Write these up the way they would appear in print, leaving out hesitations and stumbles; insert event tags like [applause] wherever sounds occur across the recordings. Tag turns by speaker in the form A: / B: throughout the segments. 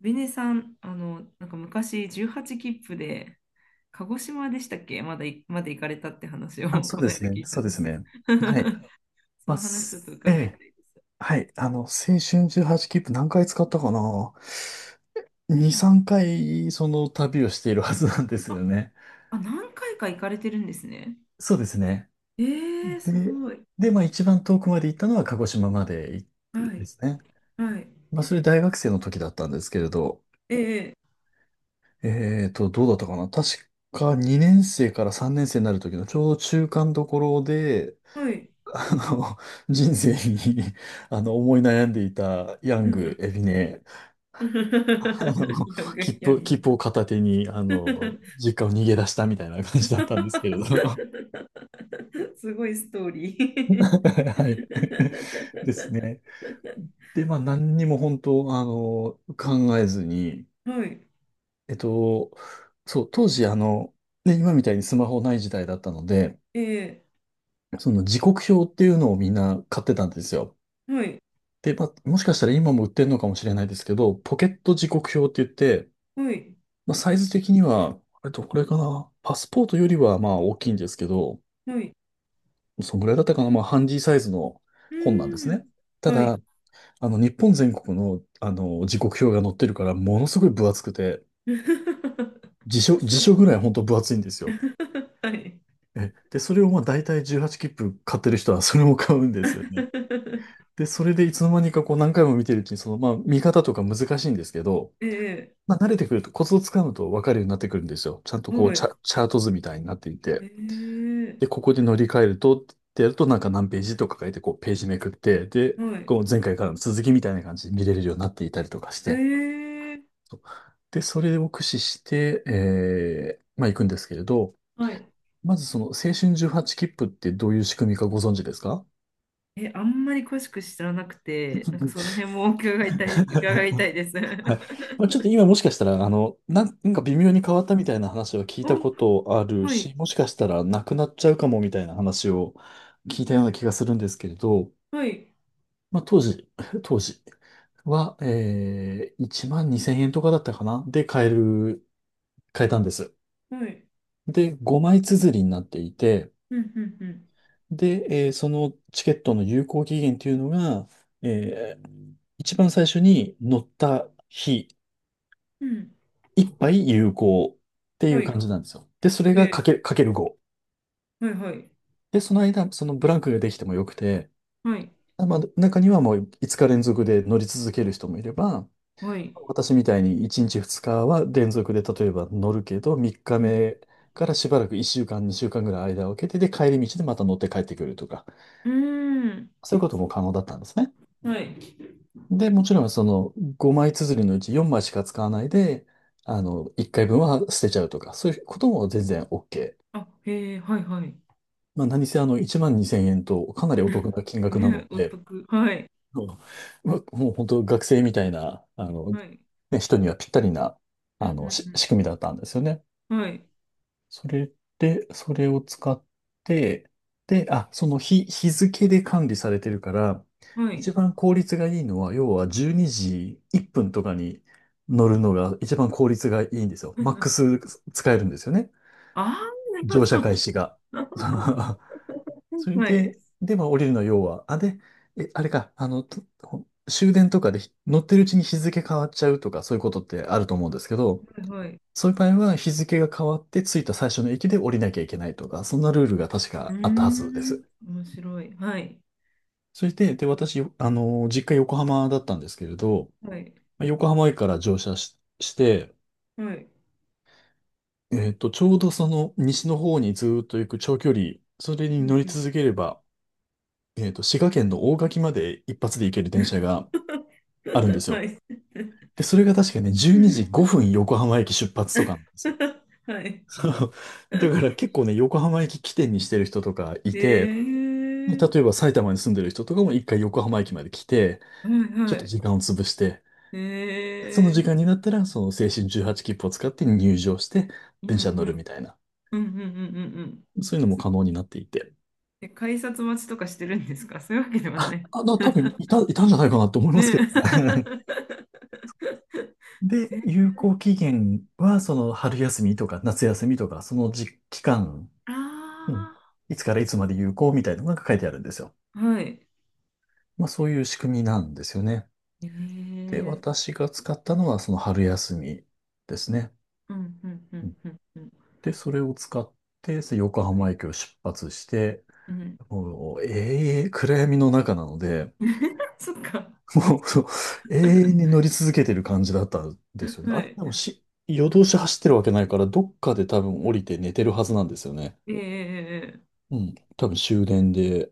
A: ベネさん、なんか昔18切符で、鹿児島でしたっけまだい、まで行かれたって話を
B: あ、
A: [laughs]
B: そう
A: この
B: で
A: 間
B: すね。
A: 聞いた
B: そう
A: ん
B: で
A: です
B: す
A: けど。
B: ね。はい。
A: [laughs] そ
B: まあ、
A: の話ちょっ
B: す
A: と
B: え
A: 伺いた
B: え。
A: いです。
B: はい。青春18切符何回使ったかな 。2、3回その旅をしているはずなんです
A: あ、
B: よね。
A: あ、何回か行かれてるんですね。
B: そうですね。
A: えー、す
B: で、
A: ごい。
B: で、まあ一番遠くまで行ったのは鹿児島まで行った
A: は
B: ん
A: い、
B: ですね。
A: はい。
B: まあそれ大学生の時だったんですけれど、
A: ええ、
B: どうだったかな確か2年生から3年生になる時のちょうど中間どころで、
A: はい。
B: あの、人生に、思い悩んでいたヤ
A: う
B: ン
A: んう
B: グ、
A: ん
B: エビネ、あの、
A: [laughs] やぐ
B: 切
A: や
B: 符、切
A: ぐ
B: 符を片手に、実家を逃げ出したみたいな感じだったんですけれど。[laughs]
A: [laughs] すごいストーリー。
B: はい。ですね。
A: [laughs]
B: で、まあ、何にも本当、考えずに、
A: はい。
B: えっと、そう、当時、ね、今みたいにスマホない時代だったので、
A: ええ、
B: その時刻表っていうのをみんな買ってたんですよ。
A: はい。
B: で、まあ、もしかしたら今も売ってるのかもしれないですけど、ポケット時刻表って言って、
A: はい、
B: まあ、サイズ的には、あれとこれかな、パスポートよりはまあ大きいんですけど、
A: はい、
B: そのぐらいだったかな、まあ、ハンディサイズの
A: う
B: 本なんです
A: ーん。
B: ね。た
A: はい。
B: だ、日本全国の、時刻表が載ってるから、ものすごい分厚くて、
A: [laughs]
B: 辞書、辞書ぐらい本当分厚いんですよ。
A: はい。
B: で、それをまあ大体18切符買ってる人はそれも買うんですよね。
A: [laughs]
B: で、それでいつの間にかこう何回も見てるうちに、そのまあ見方とか難しいんですけど、
A: ええ、
B: まあ、慣れてくると、コツをつかむと分かるようになってくるんですよ。ちゃんとこう、
A: は
B: チ
A: い。
B: ャ、チャート図みたいになってい
A: え
B: て。で、
A: え、
B: ここで乗り換えると、ってやると、なんか何ページとか書いて、こう、ページめくって、で、
A: はい。
B: こう、前回からの続きみたいな感じで見れるようになっていたりとかし
A: え
B: て。
A: え、
B: そうで、それを駆使して、まあ、行くんですけれど、
A: はい。
B: まずその、青春18切符ってどういう仕組みかご存知ですか？
A: え、あんまり詳しく知らなくて、なんかその
B: [laughs]
A: 辺も伺いたいです。
B: はい。
A: [laughs]
B: まあ、ちょっと今もしかしたら、なんか微妙に変わったみたいな話は聞い
A: お、
B: たことある
A: はい、
B: し、もしかしたらなくなっちゃうかもみたいな話を聞いたような気がするんですけれど、
A: はい、
B: まあ、当時、[laughs] 当時は、1万2千円とかだったかなで買えたんです。
A: はい。
B: で、5枚綴りになっていて、
A: うん、うん、う
B: で、そのチケットの有効期限というのが、えー一番最初に乗った日
A: ん。うん。
B: 一杯有効ってい
A: は
B: う
A: い。
B: 感じなんですよ。で、それがかけ、
A: え
B: かける5。
A: ー、はい、はい、
B: で、その間、そのブランクができてもよくて、
A: はい、
B: まあ、中にはもう5日連続で乗り続ける人もいれば、
A: はい。
B: 私みたいに1日2日は連続で例えば乗るけど、3日
A: うん。
B: 目からしばらく1週間、2週間ぐらい間を空けて、で、帰り道でまた乗って帰ってくるとか、
A: うーん。
B: そういうことも可能だったんですね。
A: はい。
B: で、もちろんその5枚綴りのうち4枚しか使わないで、1回分は捨てちゃうとか、そういうことも全然 OK。
A: あ、へえ、はい、はい。
B: まあ、何せ1万2千円とかなりお得な金額な
A: ね、
B: の
A: お
B: で、
A: 得。はい。
B: うんまあもう本当学生みたいな、
A: はい。
B: ね、人にはぴったりな、
A: うんう
B: し
A: ん
B: 仕組みだったんですよね。
A: うん。はい。
B: それで、それを使って、で、日付で管理されてるから、
A: はい。
B: 一番効率がいいのは、要は12時1分とかに乗るのが一番効率がいいんですよ。マックス使えるんですよね。
A: あ
B: 乗
A: あ
B: 車開
A: ー、
B: 始が。
A: なるほど。[laughs]
B: [laughs] それ
A: はい。
B: で、で、まあ降りるの要は、あ、で、え、あれか、あの、と終電とかで乗ってるうちに日付変わっちゃうとか、そういうことってあると思うんですけど、
A: はい。
B: そういう場合は日付が変わって着いた最初の駅で降りなきゃいけないとか、そんなルールが確
A: うー
B: かあったはずで
A: ん。
B: す。
A: 面白い。はい。
B: それで、私、実家横浜だったんですけれど、
A: はい。
B: まあ横浜駅から乗車して、
A: はい。
B: ちょうどその西の方にずーっと行く長距離、それ
A: う
B: に
A: ん
B: 乗り
A: うん。
B: 続ければ、滋賀県の大垣まで一発で行ける電車があるんで
A: [laughs]
B: す
A: は
B: よ。
A: い。
B: で、それが確かね、12時5分横浜駅出発とかなんですよ。
A: [laughs] はい。
B: [laughs] そう。だから結構ね、横浜駅起点にしてる人とかい
A: え
B: て、
A: ー。
B: 例えば埼玉に住んでる人とかも一回横浜駅まで来て、
A: はい
B: ち
A: は
B: ょっと時
A: い。
B: 間を潰して、その
A: え
B: 時
A: ー。
B: 間になったら、その青春18切符を使って入場して、
A: うん
B: 電
A: う
B: 車に乗るみ
A: ん。
B: たいな。
A: うんうんうんうんうん。
B: そういうのも可能になっていて。
A: え、改札待ちとかしてるんですか？そういうわけではない。
B: 多分いたんじゃないかなと思
A: ね。
B: いますけどね。
A: [laughs]
B: [laughs] で、
A: え、
B: 有効期限は、その春休みとか夏休みとか、その時期間。
A: あ
B: うん。いつからいつまで有効みたいなのが書いてあるんですよ。
A: あ、はい。
B: まあそういう仕組みなんですよね。
A: え
B: で、
A: え、
B: 私が使ったのはその春休みですね。
A: うん、うん、う
B: うん
A: ん、うん、うん。
B: で、それを使ってその横
A: は
B: 浜
A: い、
B: 駅を出発して、
A: うん。
B: もう永遠、暗闇の中なので、
A: [laughs] そっか。
B: [laughs] もうそう永遠に乗り続けてる感じだったんですよね。
A: は
B: あれ、
A: い。
B: でもし、夜通し走ってるわけないから、どっかで多分降りて寝てるはずなんですよね。
A: ええ、
B: うん。多分終電で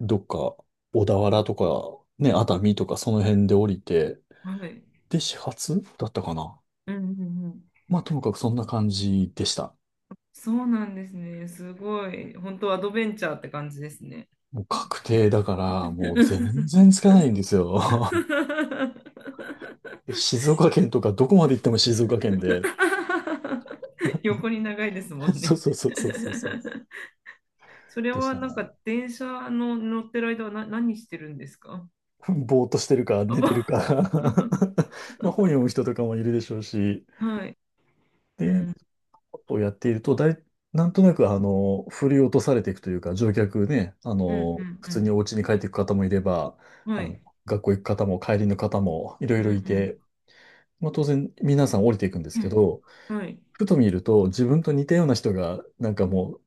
B: どっか、小田原とか、ね、熱海とかその辺で降りて、
A: はい。
B: で、始発だったかな。
A: うん、うん、うん。
B: まあ、ともかくそんな感じでした。
A: そうなんですね。すごい。本当アドベンチャーって感じですね。
B: もう確定だから、もう全然
A: [laughs]
B: つかないんですよ。[laughs] で静岡県とか、どこまで行っても静岡県で。
A: 横に長いですも
B: [laughs]
A: ん
B: そう
A: ね。
B: そうそうそうそうそう。
A: それ
B: でし
A: は
B: た
A: なん
B: ね。
A: か電車の乗ってる間は何してるんですか？
B: ぼーっとしてるか、
A: あ
B: 寝て
A: ば
B: るか。
A: [laughs]
B: [laughs] まあ、本読む人とかもいるでしょうし。
A: はい。う
B: で、
A: ん。
B: をやっていると、なんとなく、振り落とされていくというか、乗客ね、
A: うん
B: 普
A: う
B: 通に
A: ん
B: お家に帰っていく方もいれば、
A: うん。は
B: あ
A: い。
B: の、学校行く方も帰りの方もいろ
A: う
B: い
A: んう
B: ろい
A: ん
B: て、まあ、当然皆さん降りていくんです
A: う
B: け
A: ん。
B: ど、
A: はい。
B: ふと見ると自分と似たような人が、なんかもう、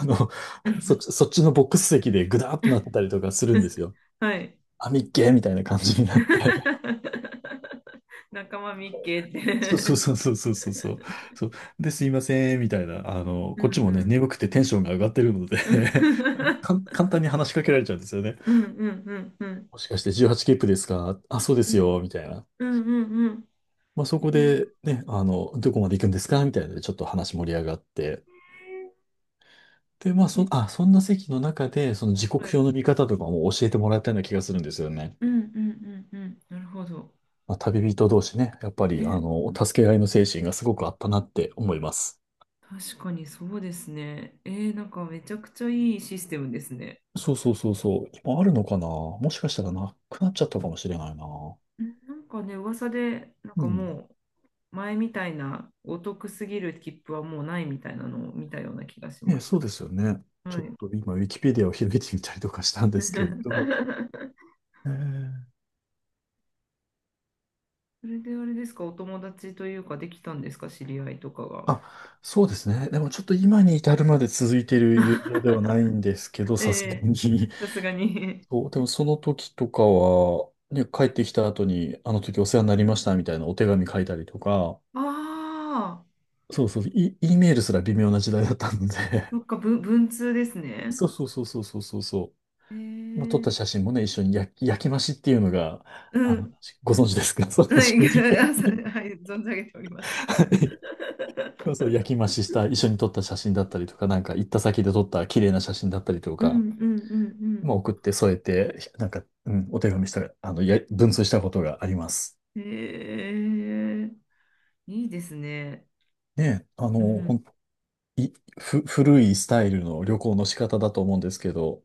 B: あの、
A: う
B: そっ
A: ん
B: ち、そっちのボックス席でグダーっとなったりとかするんです
A: [laughs]
B: よ。
A: はい。
B: あ、みっけーみたいな感じになって。
A: [laughs] 仲間みっけっ
B: そうそう
A: て。
B: そうそうそうそうそう。そうで、すいません、みたいな。
A: [laughs] うん
B: こっち
A: う
B: もね、
A: ん。
B: 眠くてテンションが上がってるので [laughs] かん、
A: [laughs]
B: 簡単に話しかけられちゃうんですよね。
A: うんうんうんうん。
B: もしかして18切符ですか？あ、そうで
A: う
B: す
A: ん
B: よ、みたいな。
A: うんうん
B: まあ、そこ
A: うん。
B: で
A: え
B: ね、どこまで行くんですかみたいなので、ちょっと話盛り上がって。で、まあ、
A: え、
B: そんな席の中で、その時
A: は
B: 刻
A: い。
B: 表の見方とかも教えてもらったような気がするんですよね。
A: うんうんうんうん。なるほど。
B: まあ、旅人同士ね、やっぱり、
A: ね。
B: 助け合いの精神がすごくあったなって思います。
A: 確かにそうですね。えー、なんかめちゃくちゃいいシステムですね。
B: そうそうそうそう。今あるのかな。もしかしたらなくなっちゃったかもしれないな。
A: ん、なんかね、噂で、なん
B: う
A: か
B: ん。
A: もう、前みたいなお得すぎる切符はもうないみたいなのを見たような気がし
B: ね、
A: ま
B: そ
A: す。
B: うですよね。ち
A: は
B: ょっ
A: い。
B: と今、ウィキペディアを開いてみたりとかしたんですけれど。
A: [laughs]
B: えー
A: それであれですか、お友達というか、できたんですか、知り合いとかが。
B: あ、そうですね。でもちょっと今に至るまで続いている友情ではないんですけど、さすが
A: え
B: に。
A: え、さすがに。
B: そう、でもその時とかは、ね、帰ってきた後に、あの時お世話になりましたみたいなお手紙書いたりとか、
A: ああ、
B: そうそう、E メールすら微妙な時代だったので、
A: そっか、文通です
B: [laughs]
A: ね。
B: そうそうそうそうそうそうそう。の撮っ
A: え
B: た
A: え、
B: 写真もね、一緒に焼き増しっていうのが、
A: うん。
B: ご存知ですか？ [laughs] そう、
A: は
B: 私
A: い、
B: ご存
A: [laughs]
B: 知。
A: はい、存じ上げております。[laughs]
B: はい。まあ、 [laughs] そう、焼き増しした、一緒に撮った写真だったりとか、なんか行った先で撮った綺麗な写真だったりと
A: うんうん
B: か、
A: う
B: ま
A: ん
B: あ送って添えて、なんか、うん、お手紙した、文通したことがあります。
A: うん。ええ、いいですね。
B: ねえ、あの、
A: う
B: ほ
A: ん。
B: ん、い、ふ、古いスタイルの旅行の仕方だと思うんですけど、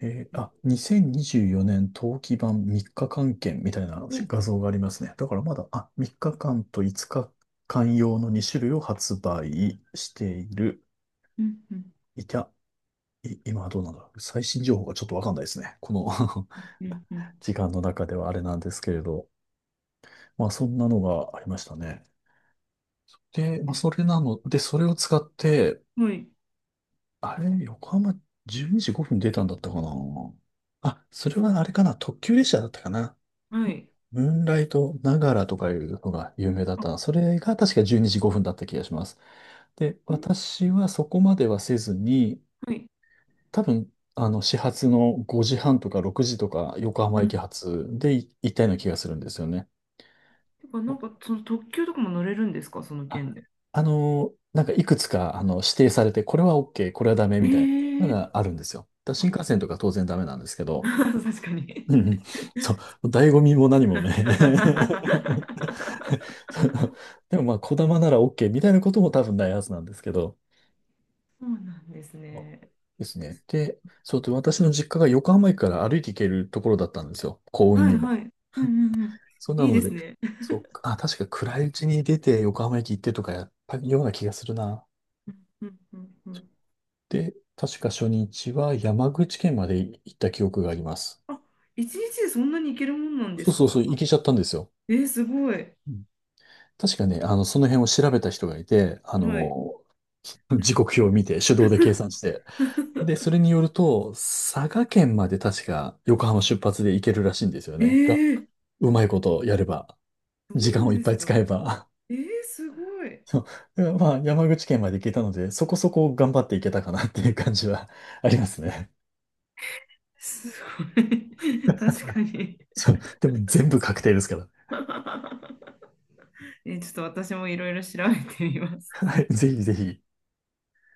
B: 2024年冬季版3日間券みたいな
A: お、うん。
B: 画像がありますね。だからまだ、3日間と5日間用の2種類を発売している。
A: うん。うん
B: いた、い、今はどうなんだろう。最新情報がちょっとわかんないですね。この
A: うん
B: [laughs] 時間の中ではあれなんですけれど。まあそんなのがありましたね。で、まあそれ
A: う
B: な
A: ん、
B: ので、それを使って、
A: はい、
B: あれ、横浜12時5分出たんだったかな。あ、それはあれかな。特急列車だったかな。
A: はい、
B: ムーンライトながらとかいうのが有名だっ
A: あ
B: たな。それが確か12時5分だった気がします。で、
A: ね
B: 私はそこまではせずに、
A: はい。
B: 多分、あの、始発の5時半とか6時とか横
A: う
B: 浜駅
A: ん、
B: 発で行ったような気がするんですよね。
A: てか、なんか、その特急とかも乗れるんですか、その件
B: あ、
A: で？
B: なんかいくつか、あの、指定されて、これは OK、これはダメ
A: え
B: みたいなの
A: え、
B: があるんですよ。だから
A: あ、
B: 新幹線とか当然ダメなんですけど、
A: [laughs] 確かに。
B: うんうん、そう、醍醐味も何もね。[laughs] [laughs] そのでもまあ、こだまなら OK みたいなことも多分ないはずなんですけど、
A: そうなんです
B: そう
A: ね。
B: ですね。で、そうで、私の実家が横浜駅から歩いて行けるところだったんですよ。公園
A: はい
B: にも。
A: はい。うんうんうん、
B: そうな
A: いいで
B: の
A: す
B: で、
A: ね。
B: そう、確か暗いうちに出て横浜駅行ってとかやったような気がするな。
A: うんうんうんうん、
B: で、確か初日は山口県まで行った記憶があります。
A: あ、一日でそんなに行けるもんなんで
B: そ
A: す
B: うそうそう、行
A: か？
B: けちゃったんですよ。
A: えー、すごい。
B: うん、確かね、あの、その辺を調べた人がいて、あ
A: はい。
B: の、時刻表を見て、手動で計算して、で、それ
A: [laughs]
B: によると、佐賀県まで確か横浜出発で行けるらしいんですよ
A: え
B: ね。が、
A: ー、
B: うまいことやれば、
A: そう
B: 時
A: な
B: 間
A: ん
B: をいっ
A: で
B: ぱ
A: す
B: い使
A: か？
B: えば。
A: えー、すごい。
B: [laughs] そうまあ、山口県まで行けたので、そこそこ頑張って行けたかなっていう感じはありますね。
A: すごい。[laughs] 確かに。
B: そう。でも全部確定ですから。
A: [laughs] え、ちょっと私もいろいろ調べてみます。
B: はい。ぜひぜひ。